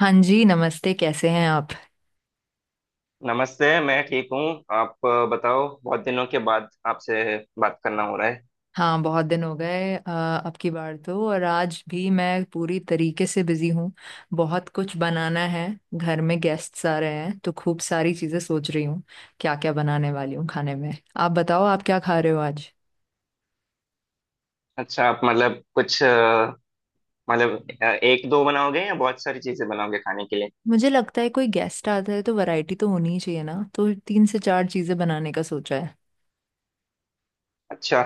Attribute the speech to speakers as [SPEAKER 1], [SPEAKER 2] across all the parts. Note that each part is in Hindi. [SPEAKER 1] हाँ जी, नमस्ते। कैसे हैं आप।
[SPEAKER 2] नमस्ते। मैं ठीक हूँ। आप बताओ, बहुत दिनों के बाद आपसे बात करना हो रहा है।
[SPEAKER 1] हाँ, बहुत दिन हो गए। अब की बार तो और आज भी मैं पूरी तरीके से बिजी हूँ। बहुत कुछ बनाना है। घर में गेस्ट्स आ रहे हैं तो खूब सारी चीज़ें सोच रही हूँ क्या क्या बनाने वाली हूँ खाने में। आप बताओ, आप क्या खा रहे हो आज।
[SPEAKER 2] अच्छा, आप मतलब कुछ मतलब एक दो बनाओगे या बहुत सारी चीजें बनाओगे खाने के लिए?
[SPEAKER 1] मुझे लगता है कोई गेस्ट आता है तो वैरायटी तो होनी ही चाहिए ना, तो तीन से चार चीज़ें बनाने का सोचा
[SPEAKER 2] अच्छा।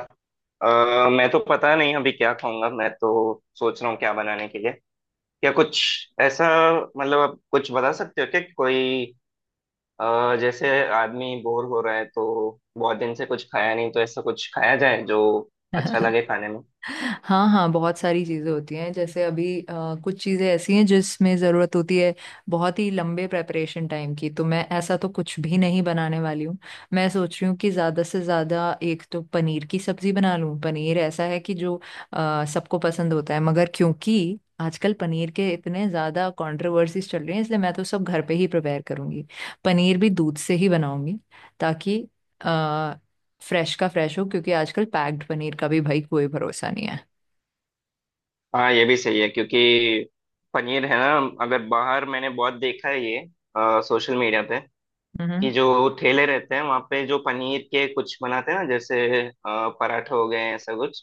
[SPEAKER 2] मैं तो पता नहीं अभी क्या खाऊंगा, मैं तो सोच रहा हूँ क्या बनाने के लिए, क्या कुछ ऐसा। मतलब आप कुछ बता सकते हो क्या कि कोई जैसे आदमी बोर हो रहा है तो बहुत दिन से कुछ खाया नहीं तो ऐसा कुछ खाया जाए जो अच्छा
[SPEAKER 1] है।
[SPEAKER 2] लगे खाने में।
[SPEAKER 1] हाँ हाँ, बहुत सारी चीज़ें होती हैं। जैसे अभी कुछ चीज़ें ऐसी हैं जिसमें ज़रूरत होती है बहुत ही लंबे प्रेपरेशन टाइम की, तो मैं ऐसा तो कुछ भी नहीं बनाने वाली हूँ। मैं सोच रही हूँ कि ज़्यादा से ज़्यादा एक तो पनीर की सब्ज़ी बना लूँ। पनीर ऐसा है कि जो सबको पसंद होता है, मगर क्योंकि आजकल पनीर के इतने ज़्यादा कंट्रोवर्सीज चल रही हैं, इसलिए मैं तो सब घर पे ही प्रिपेयर करूँगी। पनीर भी दूध से ही बनाऊंगी, ताकि फ्रेश का फ्रेश हो, क्योंकि आजकल पैक्ड पनीर का भी भाई कोई भरोसा नहीं है।
[SPEAKER 2] हाँ, ये भी सही है क्योंकि पनीर है ना, अगर बाहर, मैंने बहुत देखा है ये सोशल मीडिया पे कि
[SPEAKER 1] हम्म।
[SPEAKER 2] जो ठेले रहते हैं वहाँ पे जो पनीर के कुछ बनाते हैं ना, जैसे अ, पराठे हो गए ऐसा कुछ,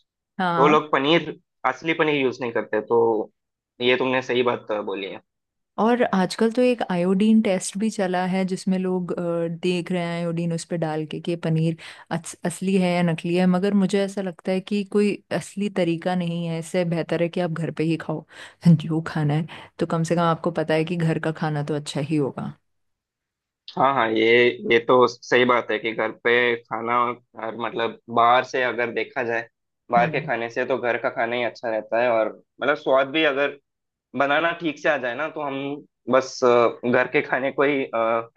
[SPEAKER 2] तो वो
[SPEAKER 1] हाँ।
[SPEAKER 2] लोग पनीर, असली पनीर यूज नहीं करते। तो ये तुमने सही बात बोली है।
[SPEAKER 1] और आजकल तो एक आयोडीन टेस्ट भी चला है जिसमें लोग देख रहे हैं, आयोडीन उस पर डाल के कि पनीर असली है या नकली है। मगर मुझे ऐसा लगता है कि कोई असली तरीका नहीं है। इससे बेहतर है कि आप घर पे ही खाओ जो खाना है। तो कम से कम आपको पता है कि घर का खाना तो अच्छा ही होगा।
[SPEAKER 2] हाँ हाँ, ये तो सही बात है कि घर पे खाना, और मतलब बाहर से अगर देखा जाए, बाहर के
[SPEAKER 1] हम्म।
[SPEAKER 2] खाने से तो घर का खाना ही अच्छा रहता है। और मतलब स्वाद भी, अगर बनाना ठीक से आ जाए ना तो हम बस घर के खाने को ही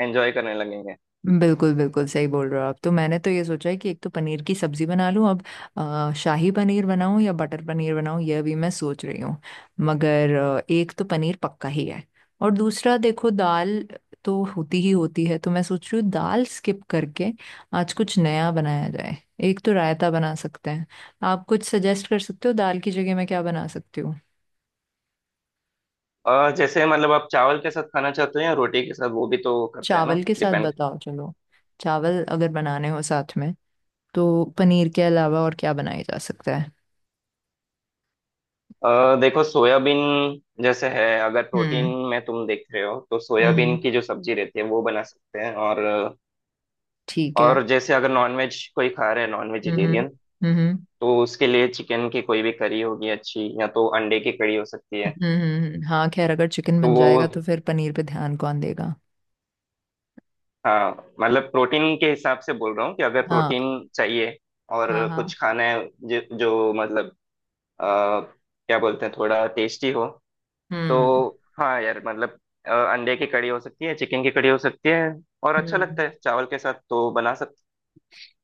[SPEAKER 2] एंजॉय करने लगेंगे।
[SPEAKER 1] बिल्कुल बिल्कुल सही बोल रहे हो आप। तो मैंने तो ये सोचा है कि एक तो पनीर की सब्जी बना लूं। अब शाही पनीर बनाऊं या बटर पनीर बनाऊं, यह भी मैं सोच रही हूँ। मगर एक तो पनीर पक्का ही है। और दूसरा देखो, दाल तो होती ही होती है, तो मैं सोच रही हूँ दाल स्किप करके आज कुछ नया बनाया जाए। एक तो रायता बना सकते हैं। आप कुछ सजेस्ट कर सकते हो दाल की जगह मैं क्या बना सकती हूँ।
[SPEAKER 2] जैसे मतलब आप चावल के साथ खाना चाहते हैं या रोटी के साथ? वो भी तो करते हैं ना,
[SPEAKER 1] चावल के साथ
[SPEAKER 2] डिपेंड।
[SPEAKER 1] बताओ, चलो। चावल अगर बनाने हो साथ में तो पनीर के अलावा और क्या बनाया जा सकता है।
[SPEAKER 2] देखो, सोयाबीन जैसे है, अगर प्रोटीन
[SPEAKER 1] हम्म
[SPEAKER 2] में तुम देख रहे हो तो सोयाबीन
[SPEAKER 1] हम्म,
[SPEAKER 2] की जो सब्जी रहती है वो बना सकते हैं। और
[SPEAKER 1] ठीक है।
[SPEAKER 2] और जैसे अगर नॉनवेज कोई खा रहे हैं, नॉन
[SPEAKER 1] हम्म हम्म
[SPEAKER 2] वेजिटेरियन,
[SPEAKER 1] हम्म
[SPEAKER 2] तो उसके लिए चिकन की कोई भी करी होगी अच्छी, या तो अंडे की कड़ी हो सकती है।
[SPEAKER 1] हाँ, खैर अगर चिकन
[SPEAKER 2] तो
[SPEAKER 1] बन
[SPEAKER 2] वो,
[SPEAKER 1] जाएगा तो फिर पनीर पे ध्यान कौन देगा।
[SPEAKER 2] हाँ, मतलब प्रोटीन के हिसाब से बोल रहा हूँ कि अगर
[SPEAKER 1] हाँ
[SPEAKER 2] प्रोटीन चाहिए
[SPEAKER 1] हाँ
[SPEAKER 2] और
[SPEAKER 1] हाँ।
[SPEAKER 2] कुछ खाना है जो, जो मतलब आ, क्या बोलते हैं, थोड़ा टेस्टी हो, तो
[SPEAKER 1] हम्म
[SPEAKER 2] हाँ यार, मतलब अंडे की कड़ी हो सकती है, चिकन की कड़ी हो सकती है, और अच्छा
[SPEAKER 1] हम्म
[SPEAKER 2] लगता है चावल के साथ, तो बना सकते।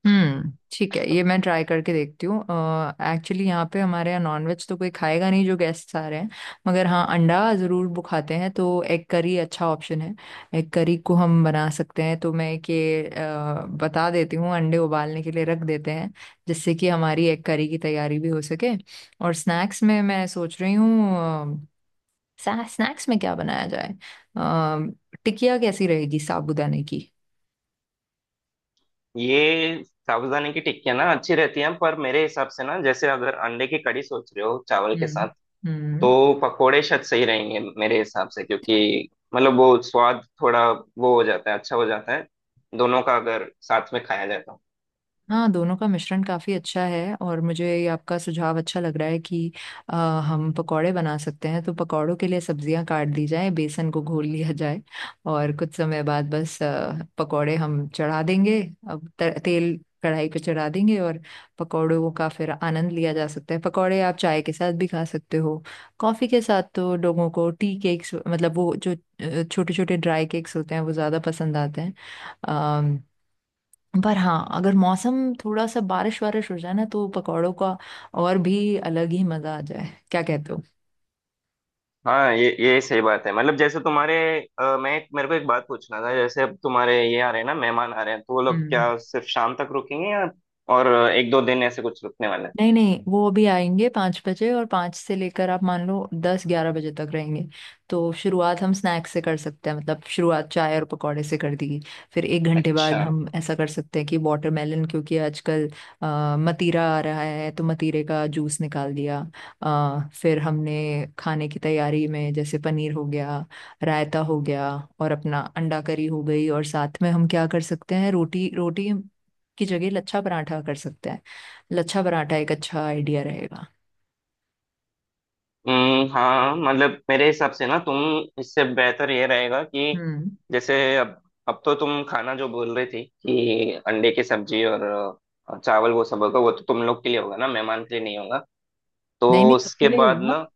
[SPEAKER 1] हम्म, ठीक है, ये मैं ट्राई करके देखती हूँ। एक्चुअली यहाँ पे, हमारे यहाँ नॉनवेज तो कोई खाएगा नहीं जो गेस्ट आ रहे हैं। मगर हाँ, अंडा ज़रूर वो खाते हैं, तो एग करी अच्छा ऑप्शन है। एग करी को हम बना सकते हैं। तो मैं एक ये बता देती हूँ, अंडे उबालने के लिए रख देते हैं जिससे कि हमारी एग करी की तैयारी भी हो सके। और स्नैक्स में मैं सोच रही हूँ स्नैक्स में क्या बनाया जाए। अ, टिकिया कैसी रहेगी साबूदाने की।
[SPEAKER 2] ये साबूदाने की टिक्कियाँ ना अच्छी रहती हैं, पर मेरे हिसाब से ना, जैसे अगर अंडे की कड़ी सोच रहे हो चावल के साथ,
[SPEAKER 1] हम्म
[SPEAKER 2] तो
[SPEAKER 1] हम्म।
[SPEAKER 2] पकोड़े शायद सही रहेंगे मेरे हिसाब से, क्योंकि मतलब वो स्वाद थोड़ा वो हो जाता है, अच्छा हो जाता है दोनों का अगर साथ में खाया जाए तो।
[SPEAKER 1] हाँ, दोनों का मिश्रण काफ़ी अच्छा है, और मुझे ये आपका सुझाव अच्छा लग रहा है कि अ, हम पकौड़े बना सकते हैं। तो पकौड़ों के लिए सब्जियां काट दी जाएं, बेसन को घोल लिया जाए, और कुछ समय बाद बस पकौड़े हम चढ़ा देंगे। अब तेल कढ़ाई पे चढ़ा देंगे, और पकौड़ों का फिर आनंद लिया जा सकता है। पकौड़े आप चाय के साथ भी खा सकते हो। कॉफ़ी के साथ तो लोगों को टी केक्स, मतलब वो जो छोटे छोटे ड्राई केक्स होते हैं, वो ज़्यादा पसंद आते हैं। पर हाँ, अगर मौसम थोड़ा सा बारिश वारिश हो जाए ना, तो पकौड़ों का और भी अलग ही मजा आ जाए। क्या कहते हो।
[SPEAKER 2] हाँ, ये सही बात है। मतलब जैसे तुम्हारे मैं एक, मेरे को एक बात पूछना था, जैसे अब तुम्हारे ये आ रहे हैं ना, मेहमान आ रहे हैं, तो वो लोग
[SPEAKER 1] हम्म।
[SPEAKER 2] क्या सिर्फ शाम तक रुकेंगे या और एक दो दिन ऐसे कुछ रुकने वाले हैं?
[SPEAKER 1] नहीं नहीं, वो भी आएंगे 5 बजे, और 5 से लेकर आप मान लो 10-11 बजे तक रहेंगे। तो शुरुआत हम स्नैक्स से कर सकते हैं, मतलब शुरुआत चाय और पकौड़े से कर दी। फिर 1 घंटे बाद
[SPEAKER 2] अच्छा।
[SPEAKER 1] हम ऐसा कर सकते हैं कि वाटरमेलन, क्योंकि आजकल मतीरा आ रहा है, तो मतीरे का जूस निकाल दिया। फिर हमने खाने की तैयारी में जैसे पनीर हो गया, रायता हो गया, और अपना अंडा करी हो गई, और साथ में हम क्या कर सकते हैं, रोटी, रोटी की जगह लच्छा पराठा कर सकते हैं। लच्छा पराठा एक अच्छा आइडिया रहेगा।
[SPEAKER 2] हाँ, मतलब मेरे हिसाब से ना तुम, इससे बेहतर ये रहेगा कि
[SPEAKER 1] हम्म।
[SPEAKER 2] जैसे अब तो तुम खाना जो बोल रही थी कि अंडे की सब्जी और चावल, वो सब होगा, वो तो तुम लोग के लिए होगा ना, मेहमान के लिए नहीं होगा?
[SPEAKER 1] नहीं
[SPEAKER 2] तो
[SPEAKER 1] नहीं, सबके
[SPEAKER 2] उसके
[SPEAKER 1] लिए ही
[SPEAKER 2] बाद
[SPEAKER 1] होगा।
[SPEAKER 2] ना,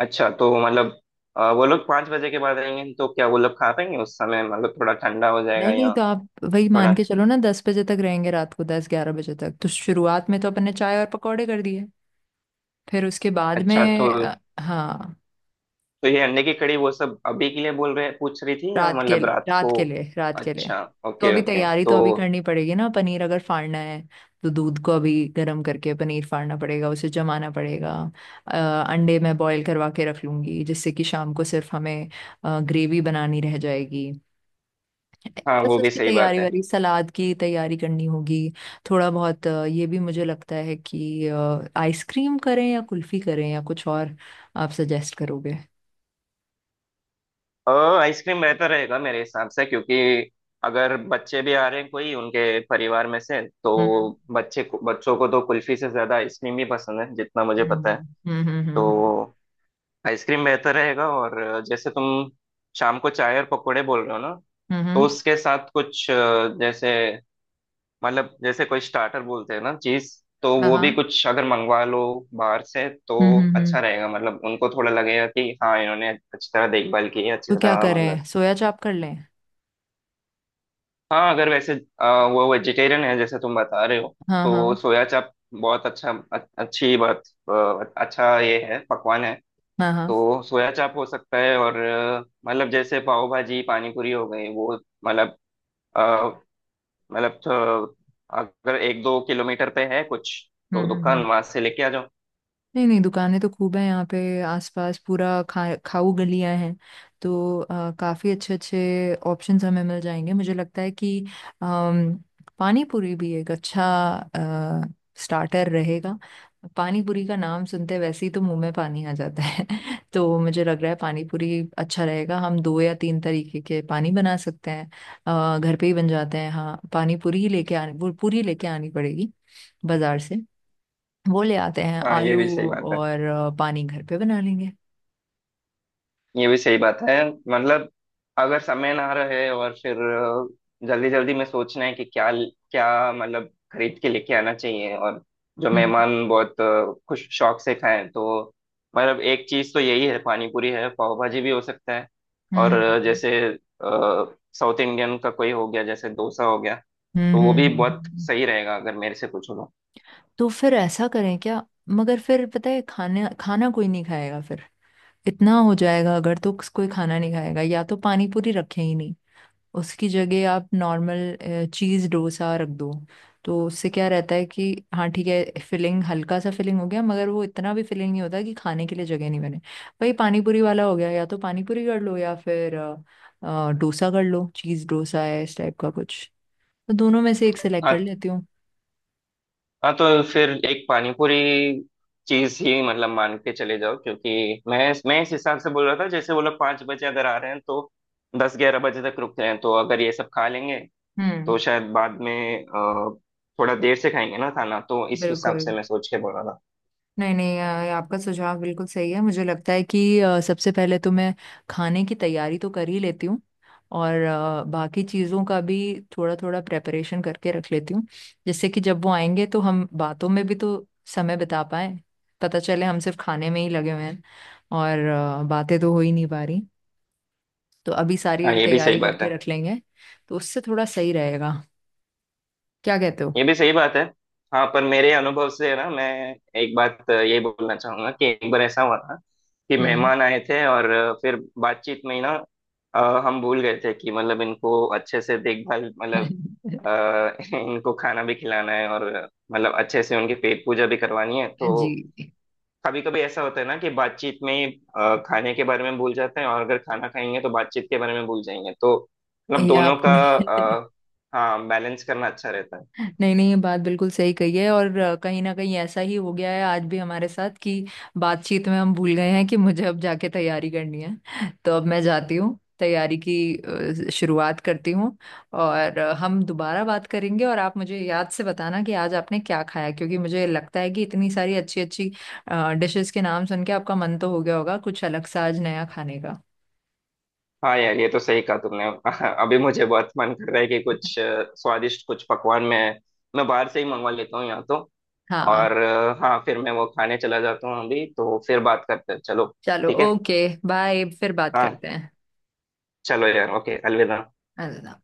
[SPEAKER 2] अच्छा, तो मतलब वो लोग पाँच बजे के बाद आएंगे तो क्या वो लोग खा पाएंगे उस समय? मतलब थोड़ा ठंडा हो जाएगा
[SPEAKER 1] नहीं नहीं,
[SPEAKER 2] या
[SPEAKER 1] तो आप वही
[SPEAKER 2] थोड़ा,
[SPEAKER 1] मान के चलो ना, 10 बजे तक रहेंगे, रात को 10-11 बजे तक। तो शुरुआत में तो अपन ने चाय और पकौड़े कर दिए, फिर उसके बाद
[SPEAKER 2] अच्छा। तो
[SPEAKER 1] में हाँ,
[SPEAKER 2] तो ये अंडे की कड़ी वो सब अभी के लिए बोल रहे, पूछ रही थी या
[SPEAKER 1] रात के
[SPEAKER 2] मतलब
[SPEAKER 1] लिए,
[SPEAKER 2] रात
[SPEAKER 1] रात
[SPEAKER 2] को?
[SPEAKER 1] के लिए, रात के लिए।
[SPEAKER 2] अच्छा,
[SPEAKER 1] तो
[SPEAKER 2] ओके
[SPEAKER 1] अभी
[SPEAKER 2] ओके।
[SPEAKER 1] तैयारी तो
[SPEAKER 2] तो
[SPEAKER 1] अभी करनी पड़ेगी ना, पनीर अगर फाड़ना है तो दूध को अभी गर्म करके पनीर फाड़ना पड़ेगा, उसे जमाना पड़ेगा। अंडे मैं बॉईल करवा के रख लूंगी, जिससे कि शाम को सिर्फ हमें ग्रेवी बनानी रह जाएगी।
[SPEAKER 2] हाँ,
[SPEAKER 1] बस
[SPEAKER 2] वो भी
[SPEAKER 1] उसकी
[SPEAKER 2] सही बात
[SPEAKER 1] तैयारी
[SPEAKER 2] है।
[SPEAKER 1] वारी, सलाद की तैयारी करनी होगी। थोड़ा बहुत ये भी मुझे लगता है कि आइसक्रीम करें या कुल्फी करें या कुछ और आप सजेस्ट करोगे।
[SPEAKER 2] और आइसक्रीम बेहतर रहेगा मेरे हिसाब से, क्योंकि अगर बच्चे भी आ रहे हैं कोई उनके परिवार में से, तो
[SPEAKER 1] हम्म
[SPEAKER 2] बच्चे को, बच्चों को तो कुल्फी से ज्यादा आइसक्रीम ही पसंद है जितना मुझे पता है।
[SPEAKER 1] हम्म हम्म हम्म
[SPEAKER 2] तो
[SPEAKER 1] हम्म
[SPEAKER 2] आइसक्रीम बेहतर रहेगा। और जैसे तुम शाम को चाय और पकोड़े बोल रहे हो ना,
[SPEAKER 1] हम्म,
[SPEAKER 2] तो
[SPEAKER 1] हम्म,
[SPEAKER 2] उसके साथ कुछ जैसे मतलब जैसे कोई स्टार्टर बोलते हैं ना चीज, तो
[SPEAKER 1] हाँ
[SPEAKER 2] वो भी
[SPEAKER 1] हाँ।
[SPEAKER 2] कुछ अगर मंगवा लो बाहर से तो
[SPEAKER 1] हम्म हम्म
[SPEAKER 2] अच्छा
[SPEAKER 1] हम्म।
[SPEAKER 2] रहेगा। मतलब उनको थोड़ा लगेगा कि हाँ इन्होंने अच्छी तरह देखभाल की है, अच्छी
[SPEAKER 1] तो क्या
[SPEAKER 2] तरह मतलब।
[SPEAKER 1] करें, सोया चाप कर लें।
[SPEAKER 2] हाँ अगर वैसे वो वेजिटेरियन है जैसे तुम बता रहे हो,
[SPEAKER 1] हाँ
[SPEAKER 2] तो
[SPEAKER 1] हाँ
[SPEAKER 2] सोया चाप बहुत अच्छा अच्छी बात, अच्छा ये है, पकवान है।
[SPEAKER 1] हाँ हाँ।
[SPEAKER 2] तो सोया चाप हो सकता है, और मतलब जैसे पाव भाजी, पानी पूरी हो गई वो, मतलब, मतलब तो, अगर एक दो किलोमीटर पे है कुछ तो दुकान
[SPEAKER 1] हम्म।
[SPEAKER 2] वहां से लेके आ जाओ।
[SPEAKER 1] नहीं नहीं, दुकानें तो खूब हैं यहाँ पे, आसपास पूरा खा खाऊ गलियाँ हैं। तो काफ़ी अच्छे अच्छे ऑप्शंस हमें मिल जाएंगे। मुझे लगता है कि अम, पानी पूरी भी एक अच्छा स्टार्टर रहेगा। पानी पूरी का नाम सुनते वैसे ही तो मुंह में पानी आ जाता है। तो मुझे लग रहा है पानी पूरी अच्छा रहेगा। हम दो या तीन तरीके के पानी बना सकते हैं। घर पे ही बन जाते हैं। हाँ, पानी पूरी ही लेके आनी, वो पूरी लेके आनी पड़ेगी बाजार से। वो ले आते हैं,
[SPEAKER 2] हाँ ये भी सही
[SPEAKER 1] आलू
[SPEAKER 2] बात है,
[SPEAKER 1] और पानी घर पे बना लेंगे।
[SPEAKER 2] ये भी सही बात है। मतलब अगर समय ना रहे और फिर जल्दी जल्दी में सोचना है कि क्या, क्या मतलब खरीद के लेके आना चाहिए, और जो
[SPEAKER 1] हम्म
[SPEAKER 2] मेहमान बहुत खुश शौक से खाएं, तो मतलब एक चीज तो यही है, पानी पूरी है, पाव भाजी भी हो सकता है, और
[SPEAKER 1] हम्म
[SPEAKER 2] जैसे साउथ इंडियन का कोई हो गया, जैसे डोसा हो गया,
[SPEAKER 1] हम्म
[SPEAKER 2] तो वो
[SPEAKER 1] हम्म,
[SPEAKER 2] भी
[SPEAKER 1] हम्म,
[SPEAKER 2] बहुत
[SPEAKER 1] हम्म।
[SPEAKER 2] सही रहेगा अगर मेरे से पूछो तो।
[SPEAKER 1] तो फिर ऐसा करें क्या। मगर फिर पता है खाना खाना कोई नहीं खाएगा फिर। इतना हो जाएगा अगर, तो कोई खाना नहीं खाएगा। या तो पानी पूरी रखें ही नहीं, उसकी जगह आप नॉर्मल चीज़ डोसा रख दो। तो उससे क्या रहता है कि हाँ ठीक है, फिलिंग हल्का सा फिलिंग हो गया, मगर वो इतना भी फिलिंग नहीं होता कि खाने के लिए जगह नहीं बने। भाई, पानी पूरी वाला हो गया, या तो पानी पूरी कर लो, या फिर डोसा कर लो, चीज़ डोसा है इस टाइप का कुछ। तो दोनों में से एक सिलेक्ट कर
[SPEAKER 2] हाँ
[SPEAKER 1] लेती हूँ।
[SPEAKER 2] हाँ, तो फिर एक पानीपुरी चीज ही मतलब मान के चले जाओ, क्योंकि मैं इस हिसाब से बोल रहा था, जैसे वो लोग पाँच बजे अगर आ रहे हैं तो दस ग्यारह बजे तक रुक रहे हैं, तो अगर ये सब खा लेंगे
[SPEAKER 1] हम्म।
[SPEAKER 2] तो शायद बाद में अ, थोड़ा देर से खाएंगे ना खाना, तो इस हिसाब
[SPEAKER 1] बिल्कुल।
[SPEAKER 2] से मैं सोच के बोल रहा था।
[SPEAKER 1] नहीं नहीं, आपका सुझाव बिल्कुल सही है। मुझे लगता है कि सबसे पहले तो मैं खाने की तैयारी तो कर ही लेती हूँ, और बाकी चीज़ों का भी थोड़ा थोड़ा प्रेपरेशन करके रख लेती हूँ, जिससे कि जब वो आएंगे तो हम बातों में भी तो समय बिता पाए। पता चले हम सिर्फ खाने में ही लगे हुए हैं, और बातें तो हो ही नहीं पा रही। तो अभी सारी
[SPEAKER 2] हाँ ये भी सही
[SPEAKER 1] तैयारी
[SPEAKER 2] बात
[SPEAKER 1] करके
[SPEAKER 2] है,
[SPEAKER 1] रख लेंगे, तो उससे थोड़ा सही रहेगा। क्या कहते हो।
[SPEAKER 2] ये भी सही बात है। हाँ पर मेरे अनुभव से है ना, मैं एक बात ये बोलना चाहूंगा कि एक बार ऐसा हुआ था कि
[SPEAKER 1] हम्म।
[SPEAKER 2] मेहमान आए थे और फिर बातचीत में ही ना, हम भूल गए थे कि मतलब इनको अच्छे से देखभाल, मतलब अ, इनको खाना भी खिलाना है और मतलब अच्छे से उनकी पेट पूजा भी करवानी है। तो
[SPEAKER 1] जी।
[SPEAKER 2] कभी कभी ऐसा होता है ना कि बातचीत में ही, खाने के बारे में भूल जाते हैं, और अगर खाना खाएंगे तो बातचीत के बारे में भूल जाएंगे। तो मतलब
[SPEAKER 1] ये
[SPEAKER 2] दोनों का
[SPEAKER 1] आपने
[SPEAKER 2] हाँ बैलेंस करना अच्छा रहता है।
[SPEAKER 1] नहीं नहीं, ये बात बिल्कुल सही कही है, और कहीं ना कहीं ऐसा ही हो गया है आज भी हमारे साथ कि बातचीत में हम भूल गए हैं कि मुझे अब जाके तैयारी करनी है। तो अब मैं जाती हूँ, तैयारी की शुरुआत करती हूँ। और हम दोबारा बात करेंगे, और आप मुझे याद से बताना कि आज आपने क्या खाया, क्योंकि मुझे लगता है कि इतनी सारी अच्छी अच्छी डिशेस के नाम सुन के आपका मन तो हो गया होगा कुछ अलग सा आज नया खाने का।
[SPEAKER 2] हाँ यार, ये तो सही कहा तुमने। अभी मुझे बहुत मन कर रहा है कि कुछ स्वादिष्ट कुछ पकवान मैं, बाहर से ही मंगवा लेता हूँ यहाँ तो।
[SPEAKER 1] हाँ,
[SPEAKER 2] और हाँ, फिर मैं वो खाने चला जाता हूँ अभी, तो फिर बात करते हैं चलो।
[SPEAKER 1] चलो।
[SPEAKER 2] ठीक है।
[SPEAKER 1] ओके बाय, फिर बात
[SPEAKER 2] हाँ,
[SPEAKER 1] करते हैं।
[SPEAKER 2] चलो यार, ओके, अलविदा।
[SPEAKER 1] अलविदा।